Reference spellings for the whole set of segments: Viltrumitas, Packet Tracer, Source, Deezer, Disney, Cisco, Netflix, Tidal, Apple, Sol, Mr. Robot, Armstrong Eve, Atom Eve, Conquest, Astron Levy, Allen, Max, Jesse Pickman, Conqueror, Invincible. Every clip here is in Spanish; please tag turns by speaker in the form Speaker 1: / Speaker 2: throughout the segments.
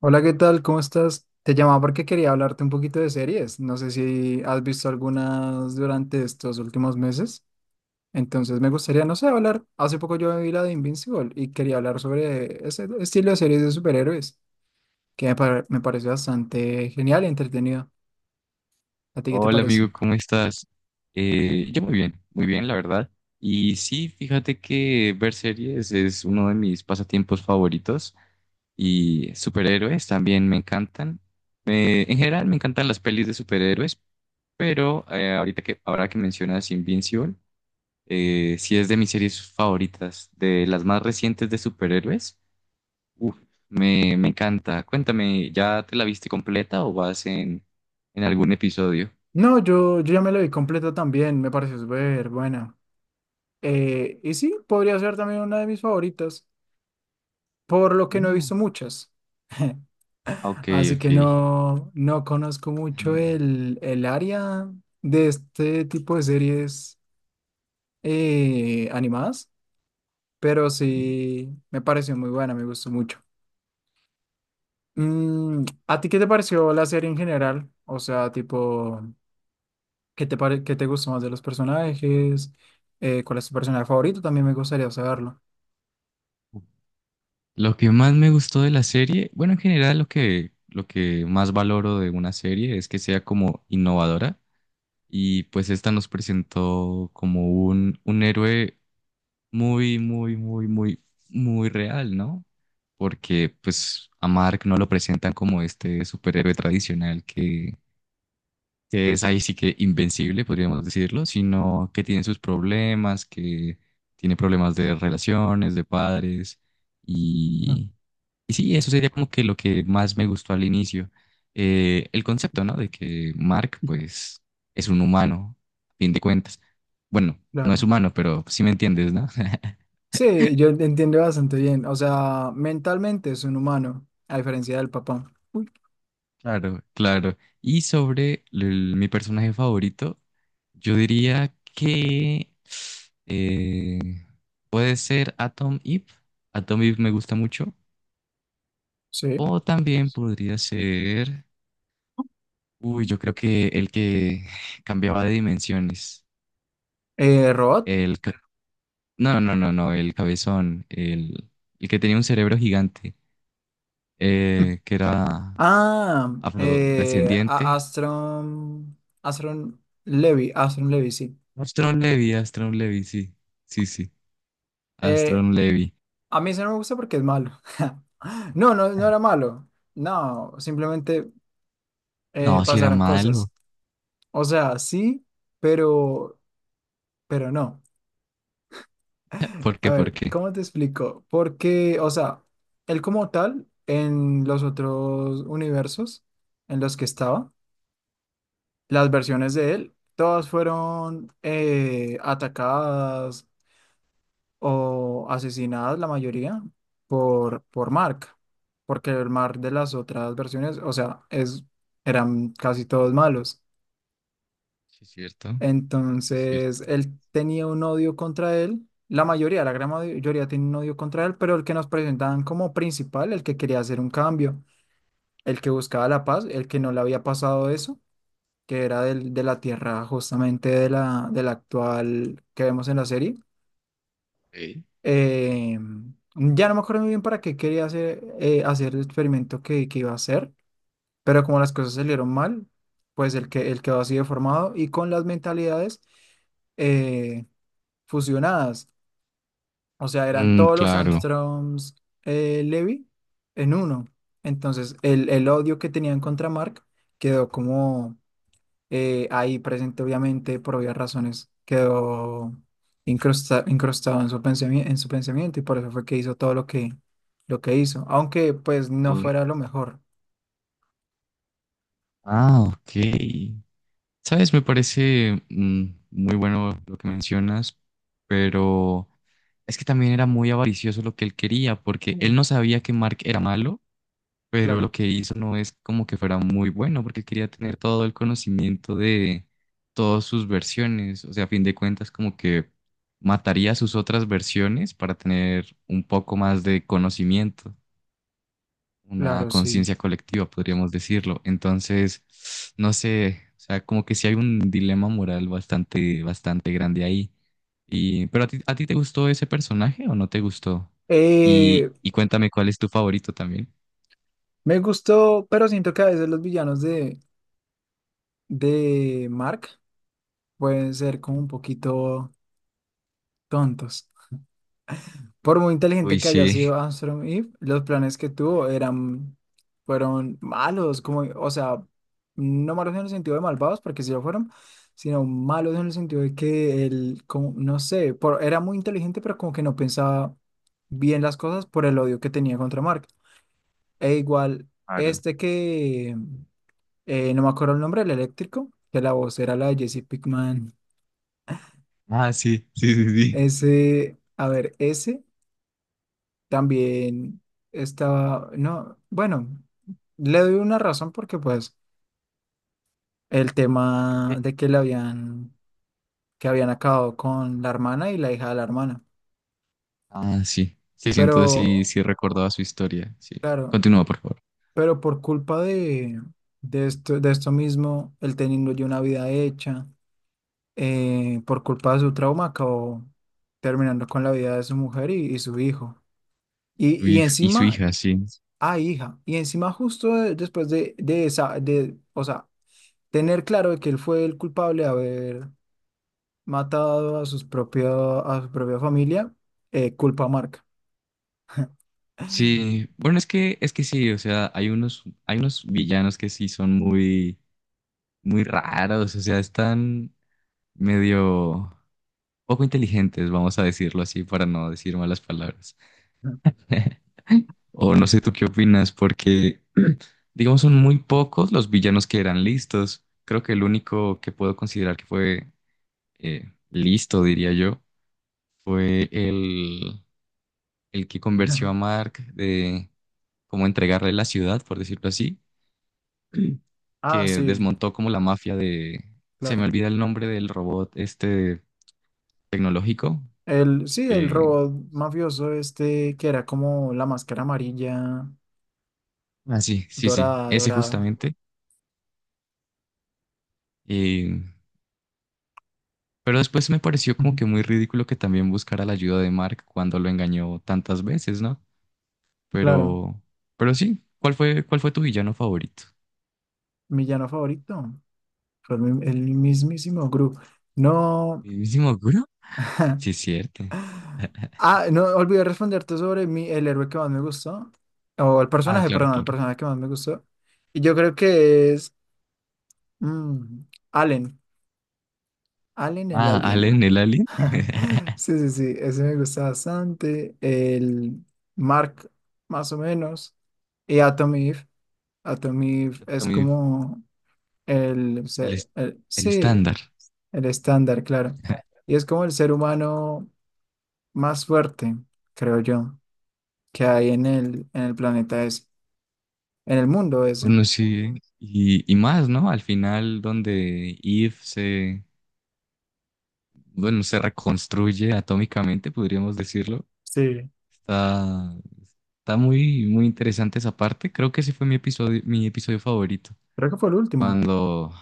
Speaker 1: Hola, ¿qué tal? ¿Cómo estás? Te llamaba porque quería hablarte un poquito de series. No sé si has visto algunas durante estos últimos meses. Entonces me gustaría, no sé, hablar. Hace poco yo vi la de Invincible y quería hablar sobre ese estilo de series de superhéroes, que me parece bastante genial y entretenido. ¿A ti qué te
Speaker 2: Hola
Speaker 1: parece?
Speaker 2: amigo, ¿cómo estás? Yo muy bien, la verdad. Y sí, fíjate que ver series es uno de mis pasatiempos favoritos y superhéroes también me encantan. En general me encantan las pelis de superhéroes, pero ahora que mencionas Invincible, sí es de mis series favoritas, de las más recientes de superhéroes. Uf, me encanta. Cuéntame, ¿ya te la viste completa o vas en algún episodio?
Speaker 1: No, yo ya me lo vi completo también. Me pareció súper buena. Y sí, podría ser también una de mis favoritas, por lo que no he
Speaker 2: No.
Speaker 1: visto muchas.
Speaker 2: Ok,
Speaker 1: Así
Speaker 2: ok.
Speaker 1: que no, no conozco mucho el área de este tipo de series animadas, pero
Speaker 2: Ok.
Speaker 1: sí me pareció muy buena, me gustó mucho. ¿A ti qué te pareció la serie en general? O sea, tipo, qué te gustó más de los personajes? ¿Cuál es tu personaje favorito? También me gustaría saberlo.
Speaker 2: Lo que más me gustó de la serie, bueno, en general lo que más valoro de una serie es que sea como innovadora y pues esta nos presentó como un héroe muy, muy, muy, muy, muy real, ¿no? Porque pues a Mark no lo presentan como este superhéroe tradicional que es ahí sí que invencible, podríamos decirlo, sino que tiene sus problemas, que tiene problemas de relaciones, de padres,
Speaker 1: No.
Speaker 2: y, y sí, eso sería como que lo que más me gustó al inicio. El concepto, ¿no? De que Mark, pues, es un humano, a fin de cuentas. Bueno, no es
Speaker 1: Claro.
Speaker 2: humano, pero sí me entiendes, ¿no?
Speaker 1: Sí, yo te entiendo bastante bien. O sea, mentalmente es un humano, a diferencia del papá. Uy.
Speaker 2: Claro, claro. Y sobre mi personaje favorito, yo diría que eh, puede ser Atom Eve. Atom Eve me gusta mucho.
Speaker 1: Sí.
Speaker 2: O también podría ser, uy, yo creo que el que cambiaba de dimensiones.
Speaker 1: Robot.
Speaker 2: El, ca- no, no, no, no, el cabezón, el que tenía un cerebro gigante, que era afrodescendiente.
Speaker 1: Astron, Astron Levy, Astron Levy, sí.
Speaker 2: Astron Levy, Astron Levy, sí, sí, sí.
Speaker 1: Eh,
Speaker 2: Astron Levy.
Speaker 1: a mí ese no me gusta porque es malo. No, no era malo. No, simplemente
Speaker 2: No, si era
Speaker 1: pasaron
Speaker 2: malo.
Speaker 1: cosas. O sea, sí, pero, pero no.
Speaker 2: ¿Por
Speaker 1: A
Speaker 2: qué? ¿Por
Speaker 1: ver,
Speaker 2: qué?
Speaker 1: ¿cómo te explico? Porque, o sea, él como tal, en los otros universos en los que estaba, las versiones de él, todas fueron atacadas o asesinadas la mayoría por Mark, porque el Mark de las otras versiones, o sea, es, eran casi todos malos.
Speaker 2: Sí, es cierto. Sí, es
Speaker 1: Entonces,
Speaker 2: cierto.
Speaker 1: él tenía un odio contra él, la mayoría, la gran mayoría tiene un odio contra él, pero el que nos presentaban como principal, el que quería hacer un cambio, el que buscaba la paz, el que no le había pasado eso, que era de la tierra justamente de la actual que vemos en la serie.
Speaker 2: Ok.
Speaker 1: Eh, ya no me acuerdo muy bien para qué quería hacer, hacer el experimento que iba a hacer, pero como las cosas salieron mal, pues el quedó así deformado y con las mentalidades eh, fusionadas. O sea, eran
Speaker 2: Mm,
Speaker 1: todos los
Speaker 2: claro.
Speaker 1: Armstrongs Levy en uno. Entonces, el odio que tenían contra Mark quedó como ahí presente, obviamente, por obvias razones, quedó incrustado en su en su pensamiento y por eso fue que hizo todo lo que hizo, aunque pues no
Speaker 2: Mm,
Speaker 1: fuera lo mejor.
Speaker 2: ah, ok. Sabes, me parece muy bueno lo que mencionas, pero es que también era muy avaricioso lo que él quería, porque él no
Speaker 1: Mm,
Speaker 2: sabía que Mark era malo. Pero
Speaker 1: claro,
Speaker 2: lo que hizo no es como que fuera muy bueno, porque quería tener todo el conocimiento de todas sus versiones, o sea, a fin de cuentas como que mataría sus otras versiones para tener un poco más de conocimiento, una
Speaker 1: claro, sí.
Speaker 2: conciencia colectiva, podríamos decirlo. Entonces, no sé, o sea, como que sí hay un dilema moral bastante, bastante grande ahí. Pero ¿a ti te gustó ese personaje o no te gustó?
Speaker 1: Eh,
Speaker 2: Y cuéntame cuál es tu favorito también.
Speaker 1: Me gustó, pero siento que a veces los villanos de Mark pueden ser como un poquito tontos. Por muy inteligente
Speaker 2: Uy,
Speaker 1: que haya
Speaker 2: sí.
Speaker 1: sido Armstrong Eve, los planes que tuvo eran, fueron malos, como, o sea, no malos en el sentido de malvados, porque sí lo fueron, sino malos en el sentido de que él, como, no sé, por, era muy inteligente, pero como que no pensaba bien las cosas por el odio que tenía contra Mark. E igual,
Speaker 2: Claro.
Speaker 1: este que, no me acuerdo el nombre, el eléctrico, que la voz era la de Jesse Pickman,
Speaker 2: Ah, sí, sí, sí, sí.
Speaker 1: ese, a ver, ese. También estaba, no, bueno, le doy una razón porque pues el tema
Speaker 2: Sí.
Speaker 1: de que le habían, que habían acabado con la hermana y la hija de la hermana.
Speaker 2: Ah, sí. Sí, sí,
Speaker 1: Pero,
Speaker 2: entonces sí, sí recordaba su historia. Sí.
Speaker 1: claro,
Speaker 2: Continúa, por favor.
Speaker 1: pero por culpa de esto mismo, él teniendo ya una vida hecha, por culpa de su trauma, acabó terminando con la vida de su mujer y su hijo.
Speaker 2: Su
Speaker 1: Y
Speaker 2: hija y su
Speaker 1: encima,
Speaker 2: hija, sí.
Speaker 1: ah, hija, y encima justo después de esa, de, o sea, tener claro de que él fue el culpable de haber matado a sus propia, a su propia familia, culpa marca.
Speaker 2: Sí. Bueno, es que sí, o sea, hay unos villanos que sí son muy, muy raros. O sea, están medio poco inteligentes, vamos a decirlo así, para no decir malas palabras. O no sé tú qué opinas, porque digamos son muy pocos los villanos que eran listos. Creo que el único que puedo considerar que fue listo, diría yo, fue el que convenció a Mark de cómo entregarle la ciudad, por decirlo así,
Speaker 1: Ah,
Speaker 2: que
Speaker 1: sí,
Speaker 2: desmontó como la mafia de, se me
Speaker 1: claro.
Speaker 2: olvida el nombre del robot este tecnológico,
Speaker 1: El, sí, el
Speaker 2: que,
Speaker 1: robot mafioso este que era como la máscara amarilla,
Speaker 2: ah, sí, sí, sí,
Speaker 1: dorada,
Speaker 2: ese
Speaker 1: dorada.
Speaker 2: justamente. Y- pero después me pareció como que muy ridículo que también buscara la ayuda de Mark cuando lo engañó tantas veces, ¿no?
Speaker 1: Claro,
Speaker 2: Pero, pero sí, cuál fue tu villano favorito?
Speaker 1: mi llano favorito. Fue el, mi- el mismísimo Gru. No,
Speaker 2: ¿Mismo Guro? Sí, es cierto.
Speaker 1: ah, no olvidé responderte sobre mi, el héroe que más me gustó. O el
Speaker 2: Ah,
Speaker 1: personaje,
Speaker 2: claro,
Speaker 1: perdón, el
Speaker 2: claro.
Speaker 1: personaje que más me gustó. Y yo creo que es mm, Allen. Allen el
Speaker 2: Ah,
Speaker 1: alien.
Speaker 2: Allen, el Alien,
Speaker 1: Sí, sí, sí. Ese me gusta bastante. El Mark, más o menos. Y Atom Eve. Atom Eve es
Speaker 2: Atomif,
Speaker 1: como
Speaker 2: el, el
Speaker 1: sí,
Speaker 2: estándar.
Speaker 1: el estándar, claro. Y es como el ser humano más fuerte, creo yo, que hay en el planeta ese, en el mundo ese.
Speaker 2: Bueno, sí, y más, ¿no? Al final, donde Eve se, bueno, se reconstruye atómicamente, podríamos decirlo.
Speaker 1: Sí,
Speaker 2: Está, está muy, muy interesante esa parte. Creo que ese fue mi episodio favorito.
Speaker 1: creo que fue el último.
Speaker 2: Cuando,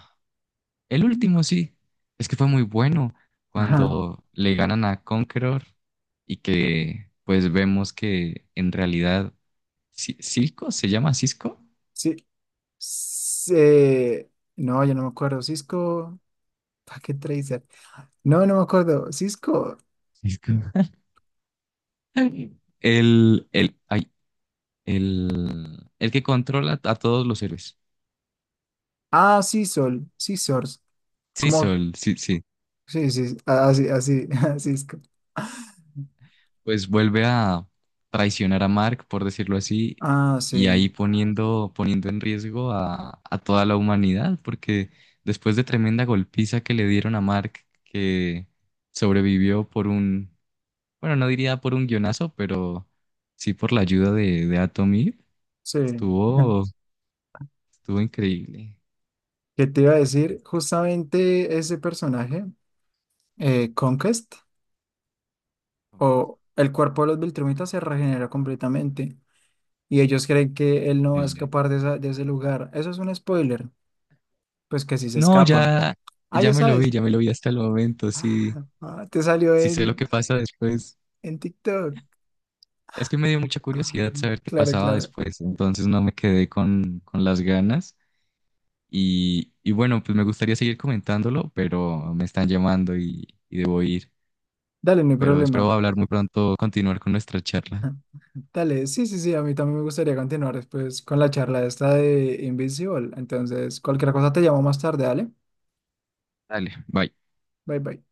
Speaker 2: el último sí, es que fue muy bueno.
Speaker 1: Ajá.
Speaker 2: Cuando le ganan a Conqueror y que, pues, vemos que en realidad ¿Cisco? ¿Se llama Cisco?
Speaker 1: Sí. Sí. No, yo no me acuerdo. Cisco, Packet Tracer. No, no me acuerdo. Cisco.
Speaker 2: Cisco. Ay, el que controla a todos los héroes.
Speaker 1: Ah, sí, Sol. Sí, Source.
Speaker 2: Sí,
Speaker 1: ¿Cómo?
Speaker 2: Sol, sí, sí.
Speaker 1: Sí, ah, sí, ah, así, así, Cisco.
Speaker 2: Pues vuelve a traicionar a Mark, por decirlo así,
Speaker 1: Ah,
Speaker 2: y
Speaker 1: sí,
Speaker 2: ahí poniendo en riesgo a toda la humanidad, porque después de tremenda golpiza que le dieron a Mark, que sobrevivió por un, bueno, no diría por un guionazo, pero sí por la ayuda de Atomir,
Speaker 1: sí.
Speaker 2: estuvo Estuvo increíble.
Speaker 1: ¿Qué te iba a decir? Justamente ese personaje, Conquest, o el cuerpo de los Viltrumitas se regenera completamente. Y ellos creen que él no va a
Speaker 2: Sí.
Speaker 1: escapar de, de ese lugar. Eso es un spoiler, pues que si se
Speaker 2: No,
Speaker 1: escapa.
Speaker 2: ya,
Speaker 1: Ah,
Speaker 2: ya
Speaker 1: ya
Speaker 2: me lo vi,
Speaker 1: sabes.
Speaker 2: ya me lo vi hasta el momento. Sí,
Speaker 1: Ah, ah, te salió
Speaker 2: sí sé lo que pasa después.
Speaker 1: en TikTok.
Speaker 2: Es que me dio mucha
Speaker 1: Ah,
Speaker 2: curiosidad saber qué
Speaker 1: claro,
Speaker 2: pasaba
Speaker 1: claro.
Speaker 2: después, entonces no me quedé con las ganas. Y bueno, pues me gustaría seguir comentándolo, pero me están llamando y debo ir.
Speaker 1: Dale, no hay
Speaker 2: Pero espero
Speaker 1: problema.
Speaker 2: hablar muy pronto, continuar con nuestra charla.
Speaker 1: Ah, dale, sí, sí, sí, a mí también me gustaría continuar después con la charla esta de Invisible. Entonces, cualquier cosa te llamo más tarde, dale.
Speaker 2: Dale, bye.
Speaker 1: Bye, bye.